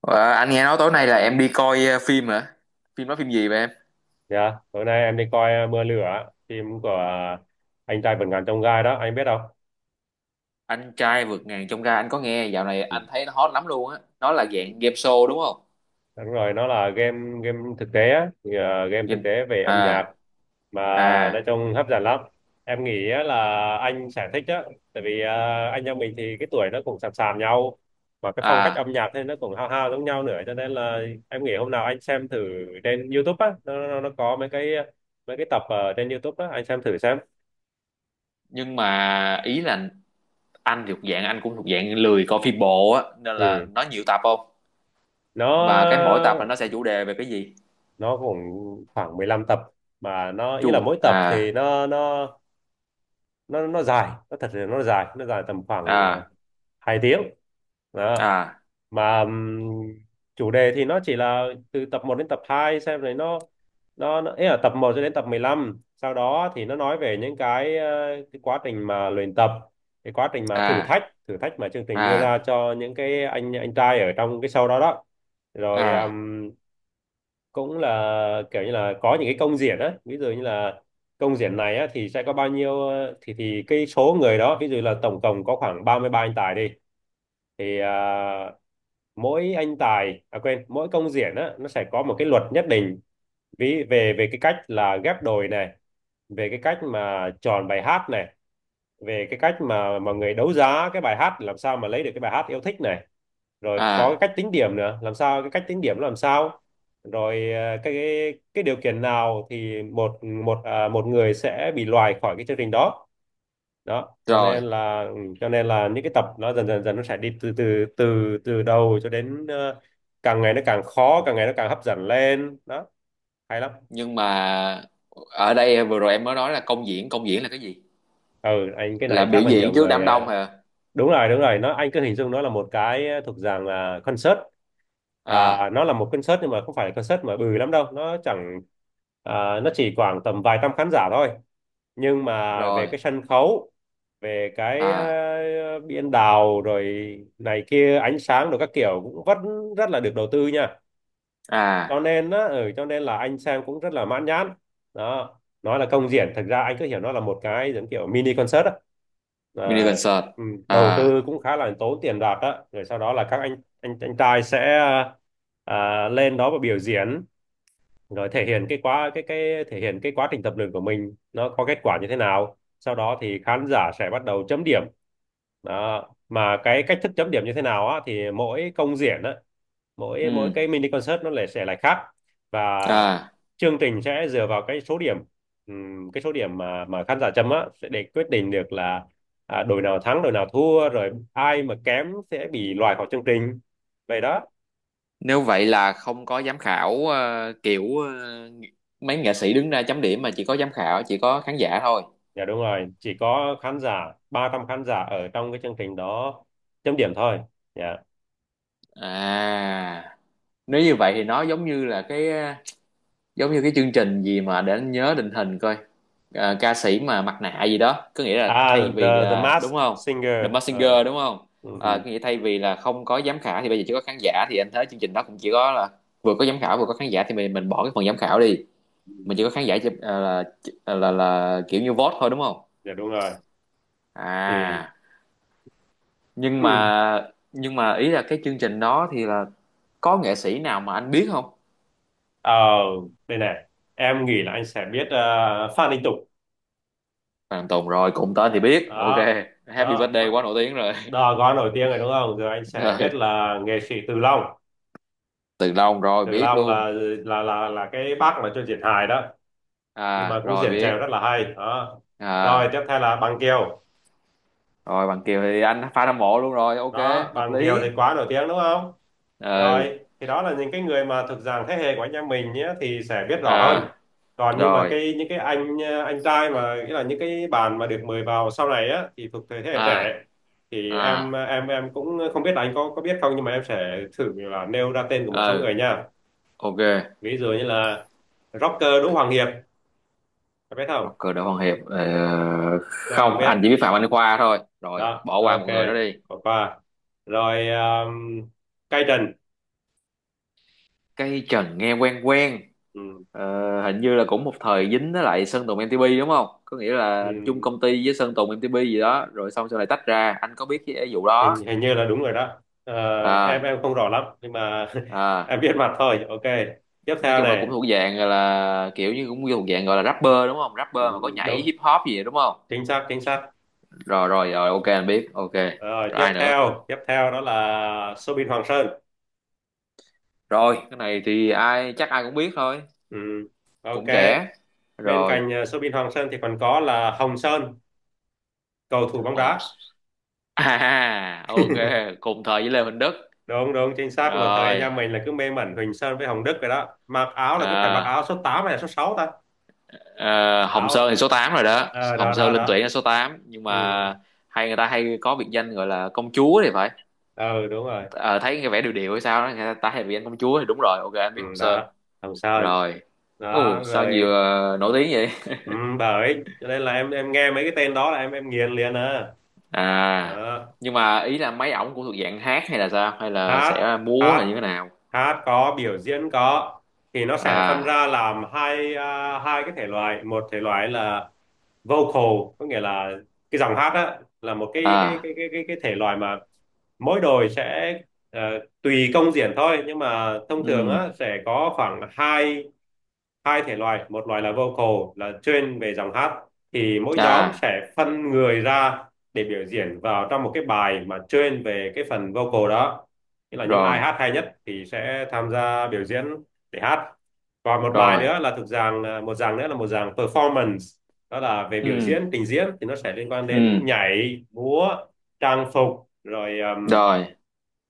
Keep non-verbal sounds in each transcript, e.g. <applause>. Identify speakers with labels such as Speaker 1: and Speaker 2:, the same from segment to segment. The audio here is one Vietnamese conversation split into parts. Speaker 1: Ờ, anh nghe nói tối nay là em đi coi phim hả? Phim đó phim gì vậy em?
Speaker 2: Dạ, tối nay em đi coi Mưa Lửa, phim của anh trai vượt ngàn chông gai đó, anh biết không?
Speaker 1: Anh trai vượt ngàn chông gai anh có nghe, dạo này
Speaker 2: Ừ.
Speaker 1: anh thấy nó hot lắm luôn á. Nó là dạng game show đúng không?
Speaker 2: Đúng rồi, nó là game game thực tế á, thì, game thực
Speaker 1: Game.
Speaker 2: tế về âm nhạc
Speaker 1: À,
Speaker 2: mà nói
Speaker 1: à,
Speaker 2: chung hấp dẫn lắm. Em nghĩ á là anh sẽ thích á, tại vì anh em mình thì cái tuổi nó cũng sàm sàm nhau, mà cái phong cách
Speaker 1: à,
Speaker 2: âm nhạc thì nó cũng hao hao giống nhau nữa, cho nên là em nghĩ hôm nào anh xem thử trên YouTube á, nó có mấy cái tập ở trên YouTube á, anh xem thử xem.
Speaker 1: nhưng mà ý là anh thuộc dạng, anh cũng thuộc dạng lười coi phim bộ á, nên là
Speaker 2: Ừ.
Speaker 1: nó nhiều tập không? Và cái mỗi tập là
Speaker 2: Nó
Speaker 1: nó sẽ chủ đề về cái gì?
Speaker 2: nó cũng khoảng 15 tập mà nó
Speaker 1: Chu,
Speaker 2: ý là mỗi tập
Speaker 1: à,
Speaker 2: thì nó dài, nó thật sự nó dài, nó dài tầm khoảng
Speaker 1: à,
Speaker 2: 2 tiếng đó.
Speaker 1: à,
Speaker 2: Mà chủ đề thì nó chỉ là từ tập một đến tập 2 xem rồi nó ý là tập một cho đến tập 15, sau đó thì nó nói về những cái, cái quá trình mà luyện tập, cái quá trình mà thử
Speaker 1: à,
Speaker 2: thách thử thách mà chương trình
Speaker 1: à,
Speaker 2: đưa ra cho những cái anh trai ở trong cái show đó đó. Rồi
Speaker 1: à,
Speaker 2: cũng là kiểu như là có những cái công diễn á, ví dụ như là công diễn này á thì sẽ có bao nhiêu thì cái số người đó, ví dụ là tổng cộng có khoảng 33 anh tài đi, thì mỗi anh tài à quên mỗi công diễn á nó sẽ có một cái luật nhất định. Ví về về cái cách là ghép đôi này, về cái cách mà chọn bài hát này, về cái cách mà mọi người đấu giá cái bài hát làm sao mà lấy được cái bài hát yêu thích này, rồi có
Speaker 1: à
Speaker 2: cái cách tính điểm nữa làm sao, cái cách tính điểm làm sao, rồi cái cái điều kiện nào thì một một một người sẽ bị loại khỏi cái chương trình đó đó. Cho
Speaker 1: rồi.
Speaker 2: nên là ừ, cho nên là những cái tập nó dần dần dần nó sẽ đi từ từ từ từ đầu cho đến càng ngày nó càng khó, càng ngày nó càng hấp dẫn lên đó, hay lắm.
Speaker 1: Nhưng mà ở đây vừa rồi em mới nói là công diễn, công diễn là cái gì?
Speaker 2: Ừ anh cái
Speaker 1: Là
Speaker 2: này
Speaker 1: biểu
Speaker 2: chắc là nhiều
Speaker 1: diễn trước
Speaker 2: người
Speaker 1: đám đông hả?
Speaker 2: đúng rồi đúng rồi, nó anh cứ hình dung nó là một cái thuộc dạng là concert. À,
Speaker 1: À,
Speaker 2: nó là một concert nhưng mà không phải là concert mà bự lắm đâu, nó chẳng à, nó chỉ khoảng tầm vài trăm khán giả thôi. Nhưng mà về
Speaker 1: rồi.
Speaker 2: cái sân khấu, về cái
Speaker 1: À,
Speaker 2: biên đạo rồi này kia, ánh sáng rồi các kiểu cũng vẫn rất là được đầu tư nha.
Speaker 1: à,
Speaker 2: Cho nên á ừ, cho nên là anh xem cũng rất là mãn nhãn đó. Nói là công diễn, thật ra anh cứ hiểu nó là một cái giống kiểu mini concert á.
Speaker 1: mini
Speaker 2: À,
Speaker 1: concert.
Speaker 2: ừ, đầu
Speaker 1: À,
Speaker 2: tư cũng khá là tốn tiền bạc á, rồi sau đó là các anh trai sẽ à, lên đó và biểu diễn, rồi thể hiện cái quá cái thể hiện cái quá trình tập luyện của mình nó có kết quả như thế nào, sau đó thì khán giả sẽ bắt đầu chấm điểm đó. Mà cái cách thức chấm điểm như thế nào á thì mỗi công diễn á, mỗi mỗi
Speaker 1: ừ.
Speaker 2: cái mini concert nó lại sẽ lại khác. Và
Speaker 1: À,
Speaker 2: chương trình sẽ dựa vào cái số điểm, cái số điểm mà khán giả chấm á sẽ để quyết định được là à, đội nào thắng đội nào thua, rồi ai mà kém sẽ bị loại khỏi chương trình, vậy đó.
Speaker 1: nếu vậy là không có giám khảo kiểu mấy nghệ sĩ đứng ra chấm điểm, mà chỉ có giám khảo, chỉ có khán giả thôi?
Speaker 2: Dạ đúng rồi, chỉ có khán giả, 300 khán giả ở trong cái chương trình đó chấm điểm thôi. Dạ.
Speaker 1: À, nếu như vậy thì nó giống như là cái giống như cái chương trình gì mà để anh nhớ định hình coi. Ca sĩ mà mặt nạ gì đó, có nghĩa là
Speaker 2: À
Speaker 1: thay
Speaker 2: The
Speaker 1: vì là
Speaker 2: Mask
Speaker 1: đúng không? The
Speaker 2: Singer.
Speaker 1: Masked
Speaker 2: Ờ,
Speaker 1: Singer đúng không?
Speaker 2: ừ, ừ.
Speaker 1: Có nghĩa thay vì là không có giám khảo thì bây giờ chỉ có khán giả. Thì anh thấy chương trình đó cũng chỉ có là vừa có giám khảo vừa có khán giả thì mình bỏ cái phần giám khảo đi, mình chỉ có khán giả là kiểu như vote thôi đúng không?
Speaker 2: Dạ đúng rồi. Thì
Speaker 1: À, nhưng
Speaker 2: ừ,
Speaker 1: mà nhưng mà ý là cái chương trình đó thì là có nghệ sĩ nào mà anh biết không?
Speaker 2: ờ, đây này, em nghĩ là anh sẽ biết Phan Đình Tục.
Speaker 1: Phan Tùng, rồi cùng tên thì biết, ok.
Speaker 2: Đó,
Speaker 1: Happy
Speaker 2: đó,
Speaker 1: Birthday
Speaker 2: Phan-
Speaker 1: quá nổi tiếng rồi.
Speaker 2: đó, gói nổi tiếng rồi đúng không? Rồi anh sẽ biết
Speaker 1: <laughs>
Speaker 2: là nghệ sĩ Từ Long.
Speaker 1: Từ lâu rồi
Speaker 2: Từ
Speaker 1: biết
Speaker 2: Long là
Speaker 1: luôn.
Speaker 2: là là là cái bác mà cho diễn hài đó, nhưng
Speaker 1: À,
Speaker 2: mà cũng
Speaker 1: rồi
Speaker 2: diễn
Speaker 1: biết.
Speaker 2: trèo rất là hay. Đó. Rồi
Speaker 1: À,
Speaker 2: tiếp theo là Bằng Kiều.
Speaker 1: rồi Bằng Kiều thì anh fan hâm mộ luôn rồi, ok,
Speaker 2: Đó,
Speaker 1: hợp
Speaker 2: Bằng Kiều
Speaker 1: lý.
Speaker 2: thì quá nổi tiếng đúng không?
Speaker 1: Ừ.
Speaker 2: Rồi thì đó là những cái người mà thuộc dạng thế hệ của anh em mình nhé thì sẽ biết rõ hơn.
Speaker 1: À,
Speaker 2: Còn nhưng mà
Speaker 1: rồi.
Speaker 2: cái những cái anh trai mà nghĩa là những cái bạn mà được mời vào sau này á thì thuộc thế hệ
Speaker 1: À,
Speaker 2: trẻ, thì em
Speaker 1: à,
Speaker 2: em em cũng không biết là anh có biết không, nhưng mà em sẽ thử là nêu ra tên của một số
Speaker 1: ừ,
Speaker 2: người nha.
Speaker 1: ok.
Speaker 2: Ví dụ như là rocker Đỗ Hoàng Hiệp, có biết không?
Speaker 1: Rocker Đỗ Hoàng Hiệp
Speaker 2: Chắc là không
Speaker 1: không,
Speaker 2: biết
Speaker 1: anh chỉ biết Phạm Anh Khoa thôi, rồi
Speaker 2: đó,
Speaker 1: bỏ qua
Speaker 2: ok,
Speaker 1: một người đó đi.
Speaker 2: bỏ qua. Rồi Cây Trần.
Speaker 1: Cây Trần nghe quen quen.
Speaker 2: Ừ.
Speaker 1: Hình như là cũng một thời dính với lại Sơn Tùng MTP đúng không? Có nghĩa là chung
Speaker 2: Ừ,
Speaker 1: công ty với Sơn Tùng MTP gì đó, rồi xong sau này tách ra, anh có biết cái vụ đó?
Speaker 2: hình hình như là đúng rồi đó. Ờ, em
Speaker 1: À,
Speaker 2: em không rõ lắm nhưng mà <laughs>
Speaker 1: à,
Speaker 2: em biết mặt thôi, ok, tiếp
Speaker 1: nói
Speaker 2: theo
Speaker 1: chung là
Speaker 2: này.
Speaker 1: cũng thuộc dạng gọi là kiểu như, cũng thuộc dạng gọi là rapper đúng không?
Speaker 2: Ừ,
Speaker 1: Rapper
Speaker 2: ừ,
Speaker 1: mà có
Speaker 2: ừ,
Speaker 1: nhảy
Speaker 2: đúng,
Speaker 1: hip hop gì vậy, đúng không?
Speaker 2: chính xác chính xác.
Speaker 1: Rồi, rồi, rồi, ok anh biết. Ok
Speaker 2: Rồi
Speaker 1: rồi.
Speaker 2: tiếp
Speaker 1: Ai nữa?
Speaker 2: theo tiếp theo đó là Soobin Hoàng Sơn.
Speaker 1: Rồi cái này thì ai, chắc ai cũng biết thôi.
Speaker 2: Ừ, ok.
Speaker 1: Cũng trẻ.
Speaker 2: Bên
Speaker 1: Rồi
Speaker 2: cạnh Soobin Hoàng Sơn thì còn có là Hồng Sơn, cầu thủ bóng
Speaker 1: Hồng
Speaker 2: đá.
Speaker 1: <laughs> à, ok. Cùng thời với Lê Huỳnh Đức.
Speaker 2: Đúng đúng chính xác, một thời anh
Speaker 1: Rồi
Speaker 2: em mình là cứ mê mẩn Huỳnh Sơn với Hồng Đức rồi đó, mặc áo là cứ phải mặc
Speaker 1: à,
Speaker 2: áo số 8 hay là số 6 ta.
Speaker 1: à, Hồng Sơn
Speaker 2: Áo
Speaker 1: thì số 8 rồi đó.
Speaker 2: ờ,
Speaker 1: Hồng
Speaker 2: đó
Speaker 1: Sơn
Speaker 2: đó
Speaker 1: lên tuyển
Speaker 2: đó.
Speaker 1: là số 8, nhưng
Speaker 2: Ừ,
Speaker 1: mà hay, người ta hay có biệt danh gọi là công chúa thì phải.
Speaker 2: ừ đúng rồi.
Speaker 1: Ờ, Thấy cái vẻ điều điều hay sao đó, người ta hay biệt danh công chúa thì đúng rồi, ok anh
Speaker 2: Ừ,
Speaker 1: biết Hồng Sơn
Speaker 2: đó, Hồng Sơn,
Speaker 1: rồi. Ồ,
Speaker 2: đó
Speaker 1: sao
Speaker 2: rồi.
Speaker 1: nhiều nổi tiếng vậy.
Speaker 2: Ừ, bởi cho nên là em nghe mấy cái tên đó là em nghiền liền à,
Speaker 1: À,
Speaker 2: đó.
Speaker 1: nhưng mà ý là mấy ổng cũng thuộc dạng hát hay, là sao? Hay là
Speaker 2: Hát,
Speaker 1: sẽ múa hay
Speaker 2: hát
Speaker 1: như thế nào?
Speaker 2: hát có, biểu diễn có. Thì nó sẽ phân
Speaker 1: À,
Speaker 2: ra làm hai à, hai cái thể loại. Một thể loại là vocal, có nghĩa là cái dòng hát á là một cái cái
Speaker 1: à,
Speaker 2: cái cái cái, cái thể loại mà mỗi đội sẽ ờ, tùy công diễn thôi nhưng mà thông thường á
Speaker 1: ừ,
Speaker 2: sẽ có khoảng hai, hai thể loại. Một loại là vocal, là chuyên về dòng hát, thì mỗi nhóm
Speaker 1: à,
Speaker 2: sẽ phân người ra để biểu diễn vào trong một cái bài mà chuyên về cái phần vocal đó. Nghĩa là những ai
Speaker 1: rồi,
Speaker 2: hát hay nhất thì sẽ tham gia biểu diễn để hát. Và một bài
Speaker 1: rồi,
Speaker 2: nữa là thực dạng à, một dạng nữa là một dạng performance, đó là về
Speaker 1: ừ,
Speaker 2: biểu diễn trình diễn, thì nó sẽ liên quan đến
Speaker 1: ừ,
Speaker 2: nhảy múa, trang phục rồi
Speaker 1: rồi.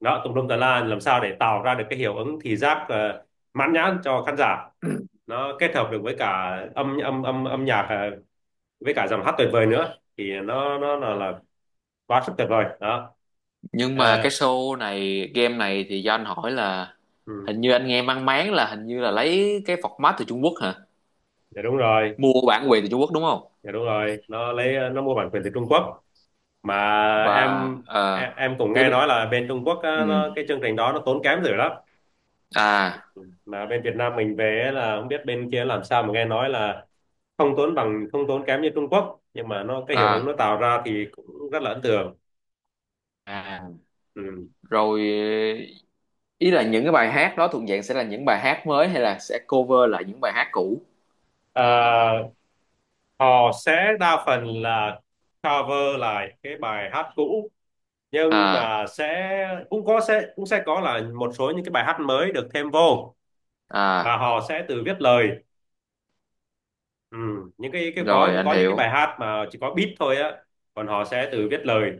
Speaker 2: đó tùm lum tà la, làm sao để tạo ra được cái hiệu ứng thị giác mãn nhãn cho khán giả.
Speaker 1: <clears throat>
Speaker 2: Nó kết hợp được với cả âm âm âm âm nhạc với cả dòng hát tuyệt vời nữa thì là quá sức tuyệt vời đó.
Speaker 1: Nhưng
Speaker 2: Ờ,
Speaker 1: mà cái show này, game này, thì do anh hỏi là
Speaker 2: ừ,
Speaker 1: hình như anh nghe mang máng là hình như là lấy cái format từ Trung Quốc hả?
Speaker 2: dạ đúng rồi.
Speaker 1: Mua bản quyền từ Trung Quốc đúng không?
Speaker 2: Dạ đúng rồi, nó lấy nó mua bản quyền từ Trung Quốc. Mà
Speaker 1: Và
Speaker 2: em em,
Speaker 1: ờ
Speaker 2: em cũng
Speaker 1: tiếp.
Speaker 2: nghe nói là bên Trung Quốc á,
Speaker 1: Ừ,
Speaker 2: nó, cái chương trình đó nó tốn kém dữ lắm.
Speaker 1: à,
Speaker 2: Mà bên Việt Nam mình về ấy là không biết bên kia làm sao, mà nghe nói là không tốn bằng, không tốn kém như Trung Quốc, nhưng mà nó cái hiệu ứng nó
Speaker 1: à,
Speaker 2: tạo ra thì cũng rất là ấn tượng.
Speaker 1: à,
Speaker 2: Ừ.
Speaker 1: rồi. Ý là những cái bài hát đó thuộc dạng sẽ là những bài hát mới hay là sẽ cover lại những bài hát cũ?
Speaker 2: Ờ, họ sẽ đa phần là cover lại cái bài hát cũ, nhưng
Speaker 1: À,
Speaker 2: mà sẽ cũng có, sẽ cũng sẽ có là một số những cái bài hát mới được thêm vô và
Speaker 1: à,
Speaker 2: họ sẽ tự viết lời. Ừ, những cái có
Speaker 1: rồi
Speaker 2: những
Speaker 1: anh
Speaker 2: có những cái bài
Speaker 1: hiểu.
Speaker 2: hát mà chỉ có beat thôi á, còn họ sẽ tự viết lời.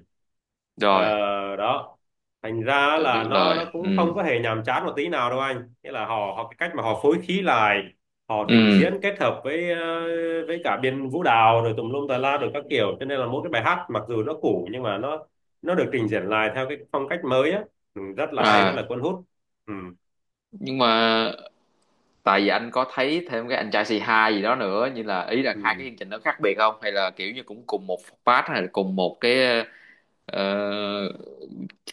Speaker 2: Ờ,
Speaker 1: Rồi
Speaker 2: đó, thành ra
Speaker 1: tự viết
Speaker 2: là nó
Speaker 1: lời.
Speaker 2: cũng
Speaker 1: Ừ,
Speaker 2: không có hề nhàm chán một tí nào đâu anh, nghĩa là họ họ cái cách mà họ phối khí lại, họ trình diễn
Speaker 1: ừ,
Speaker 2: kết hợp với với cả biên vũ đạo rồi tùm lum tà la rồi các kiểu, cho nên là mỗi cái bài hát mặc dù nó cũ nhưng mà nó được trình diễn lại theo cái phong cách mới á, ừ, rất là hay, rất là
Speaker 1: à.
Speaker 2: cuốn hút. Ừ,
Speaker 1: Nhưng mà tại vì anh có thấy thêm cái anh trai C2 gì đó nữa, như là ý là hai
Speaker 2: ừ.
Speaker 1: cái chương trình nó khác biệt không, hay là kiểu như cũng cùng một phát, hay là cùng một cái ờ,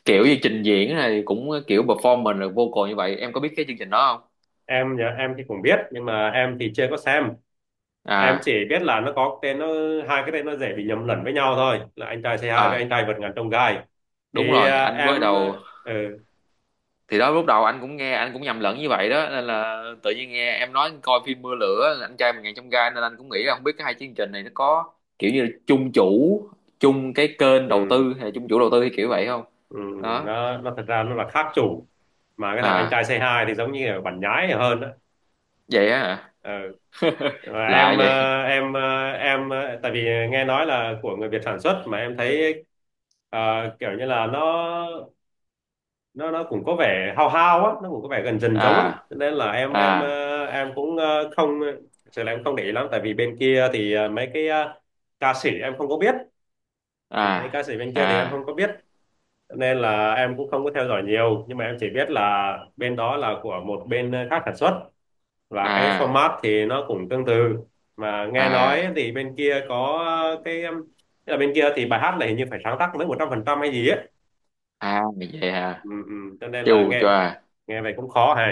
Speaker 1: kiểu như trình diễn này cũng kiểu performance rồi vocal như vậy, em có biết cái chương trình đó không?
Speaker 2: Em thì cũng biết nhưng mà em thì chưa có xem. Em chỉ
Speaker 1: À,
Speaker 2: biết là nó có tên nó, hai cái tên nó dễ bị nhầm lẫn với nhau thôi là anh trai C hai với anh
Speaker 1: à,
Speaker 2: trai vượt ngàn chông gai,
Speaker 1: đúng
Speaker 2: thì
Speaker 1: rồi.
Speaker 2: à,
Speaker 1: Anh mới
Speaker 2: em
Speaker 1: đầu
Speaker 2: ừ,
Speaker 1: thì đó, lúc đầu anh cũng nghe, anh cũng nhầm lẫn như vậy đó, nên là tự nhiên nghe em nói coi phim Mưa Lửa, anh trai một ngàn chông gai, nên anh cũng nghĩ là không biết cái hai chương trình này nó có kiểu như là chung chủ, chung cái kênh đầu
Speaker 2: ừ,
Speaker 1: tư, hay là chung chủ đầu tư hay kiểu vậy không.
Speaker 2: ừ,
Speaker 1: Đó.
Speaker 2: nó thật ra nó là khác chủ, mà cái thằng anh
Speaker 1: À,
Speaker 2: trai C hai thì giống như là bản nhái hơn á.
Speaker 1: vậy á hả?
Speaker 2: Ừ. Và
Speaker 1: Lạ vậy.
Speaker 2: tại vì nghe nói là của người Việt sản xuất, mà em thấy ờ, kiểu như là nó nó cũng có vẻ hao hao á, nó cũng có vẻ gần dần giống á,
Speaker 1: À,
Speaker 2: cho nên là em em
Speaker 1: à,
Speaker 2: ờ, em cũng ờ, không thực sự là em không để ý lắm. Tại vì bên kia thì ca sĩ em không có biết, mấy
Speaker 1: à,
Speaker 2: ca sĩ bên kia thì em
Speaker 1: à,
Speaker 2: không có biết. Cho nên là em cũng không có theo dõi nhiều, nhưng mà em chỉ biết là bên đó là của một bên khác sản xuất, và cái
Speaker 1: à,
Speaker 2: format thì nó cũng tương tự. Mà nghe nói
Speaker 1: à,
Speaker 2: thì bên kia có cái tức là bên kia thì bài hát này hình như phải sáng tác mới 100% hay gì ấy.
Speaker 1: à, vậy hả?
Speaker 2: Ừ, ừ. Cho nên là
Speaker 1: Chù
Speaker 2: nghe
Speaker 1: choà.
Speaker 2: nghe vậy cũng khó hề.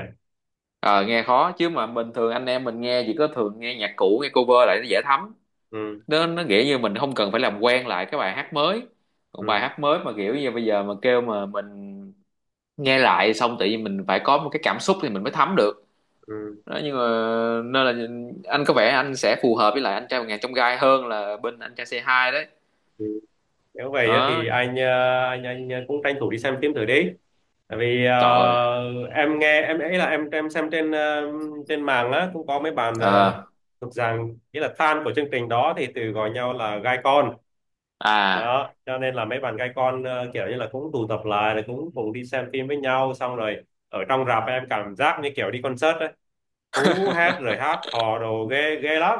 Speaker 1: Ờ Nghe khó chứ, mà bình thường anh em mình nghe chỉ có thường nghe nhạc cũ, nghe cover lại nó dễ thấm.
Speaker 2: Ừ.
Speaker 1: Nó nghĩa như mình không cần phải làm quen lại cái bài hát mới. Còn bài
Speaker 2: Ừ,
Speaker 1: hát mới mà kiểu như bây giờ mà kêu mà mình nghe lại xong tự nhiên mình phải có một cái cảm xúc thì mình mới thấm được
Speaker 2: ừ,
Speaker 1: đó. Nhưng mà nên là anh có vẻ anh sẽ phù hợp với lại anh trai một ngàn trong gai hơn là bên anh trai C2 đấy.
Speaker 2: ừ. Nếu vậy á
Speaker 1: Đó.
Speaker 2: thì anh ờ, anh cũng tranh thủ đi xem phim thử đi, tại vì
Speaker 1: Trời ơi.
Speaker 2: em nghe em ấy là em xem trên trên mạng á, cũng có mấy bạn
Speaker 1: Ờ,
Speaker 2: thuộc rằng nghĩa là fan của chương trình đó thì từ gọi nhau là gai con,
Speaker 1: À,
Speaker 2: đó cho nên là mấy bạn gai con kiểu như là cũng tụ tập lại rồi cũng cùng đi xem phim với nhau xong rồi ở trong rạp em cảm giác như kiểu đi concert ấy, hú hét rồi hát hò đồ ghê ghê lắm.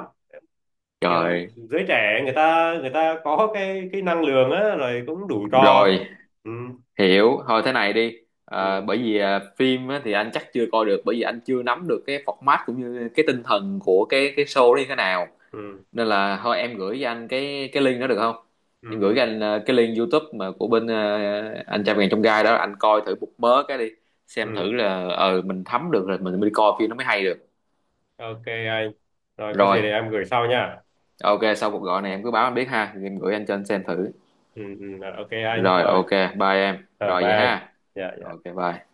Speaker 2: Kiểu
Speaker 1: trời
Speaker 2: giới trẻ người ta có cái năng lượng á rồi cũng đủ trò.
Speaker 1: rồi
Speaker 2: Ừ,
Speaker 1: hiểu. Thôi thế này đi.
Speaker 2: ừ,
Speaker 1: Bởi vì à, phim á, thì anh chắc chưa coi được, bởi vì anh chưa nắm được cái format cũng như cái tinh thần của cái show đó như thế nào.
Speaker 2: ừ,
Speaker 1: Nên là thôi em gửi cho anh cái link đó được không?
Speaker 2: ừ,
Speaker 1: Em gửi cho
Speaker 2: ừ.
Speaker 1: anh cái link YouTube mà của bên anh trăm ngàn trong gai đó, anh coi thử một mớ cái đi, xem thử
Speaker 2: Ừ.
Speaker 1: là mình thấm được rồi mình mới đi coi phim nó mới hay được.
Speaker 2: Ok anh, rồi có
Speaker 1: Rồi,
Speaker 2: gì để em gửi sau nha.
Speaker 1: ok, sau cuộc gọi này em cứ báo anh biết ha, em gửi anh cho anh xem thử.
Speaker 2: Ừ, ừ, ok anh
Speaker 1: Rồi,
Speaker 2: rồi.
Speaker 1: ok, bye em
Speaker 2: Rồi
Speaker 1: rồi
Speaker 2: bye
Speaker 1: vậy
Speaker 2: anh.
Speaker 1: ha.
Speaker 2: Dạ dạ.
Speaker 1: Ok, bye.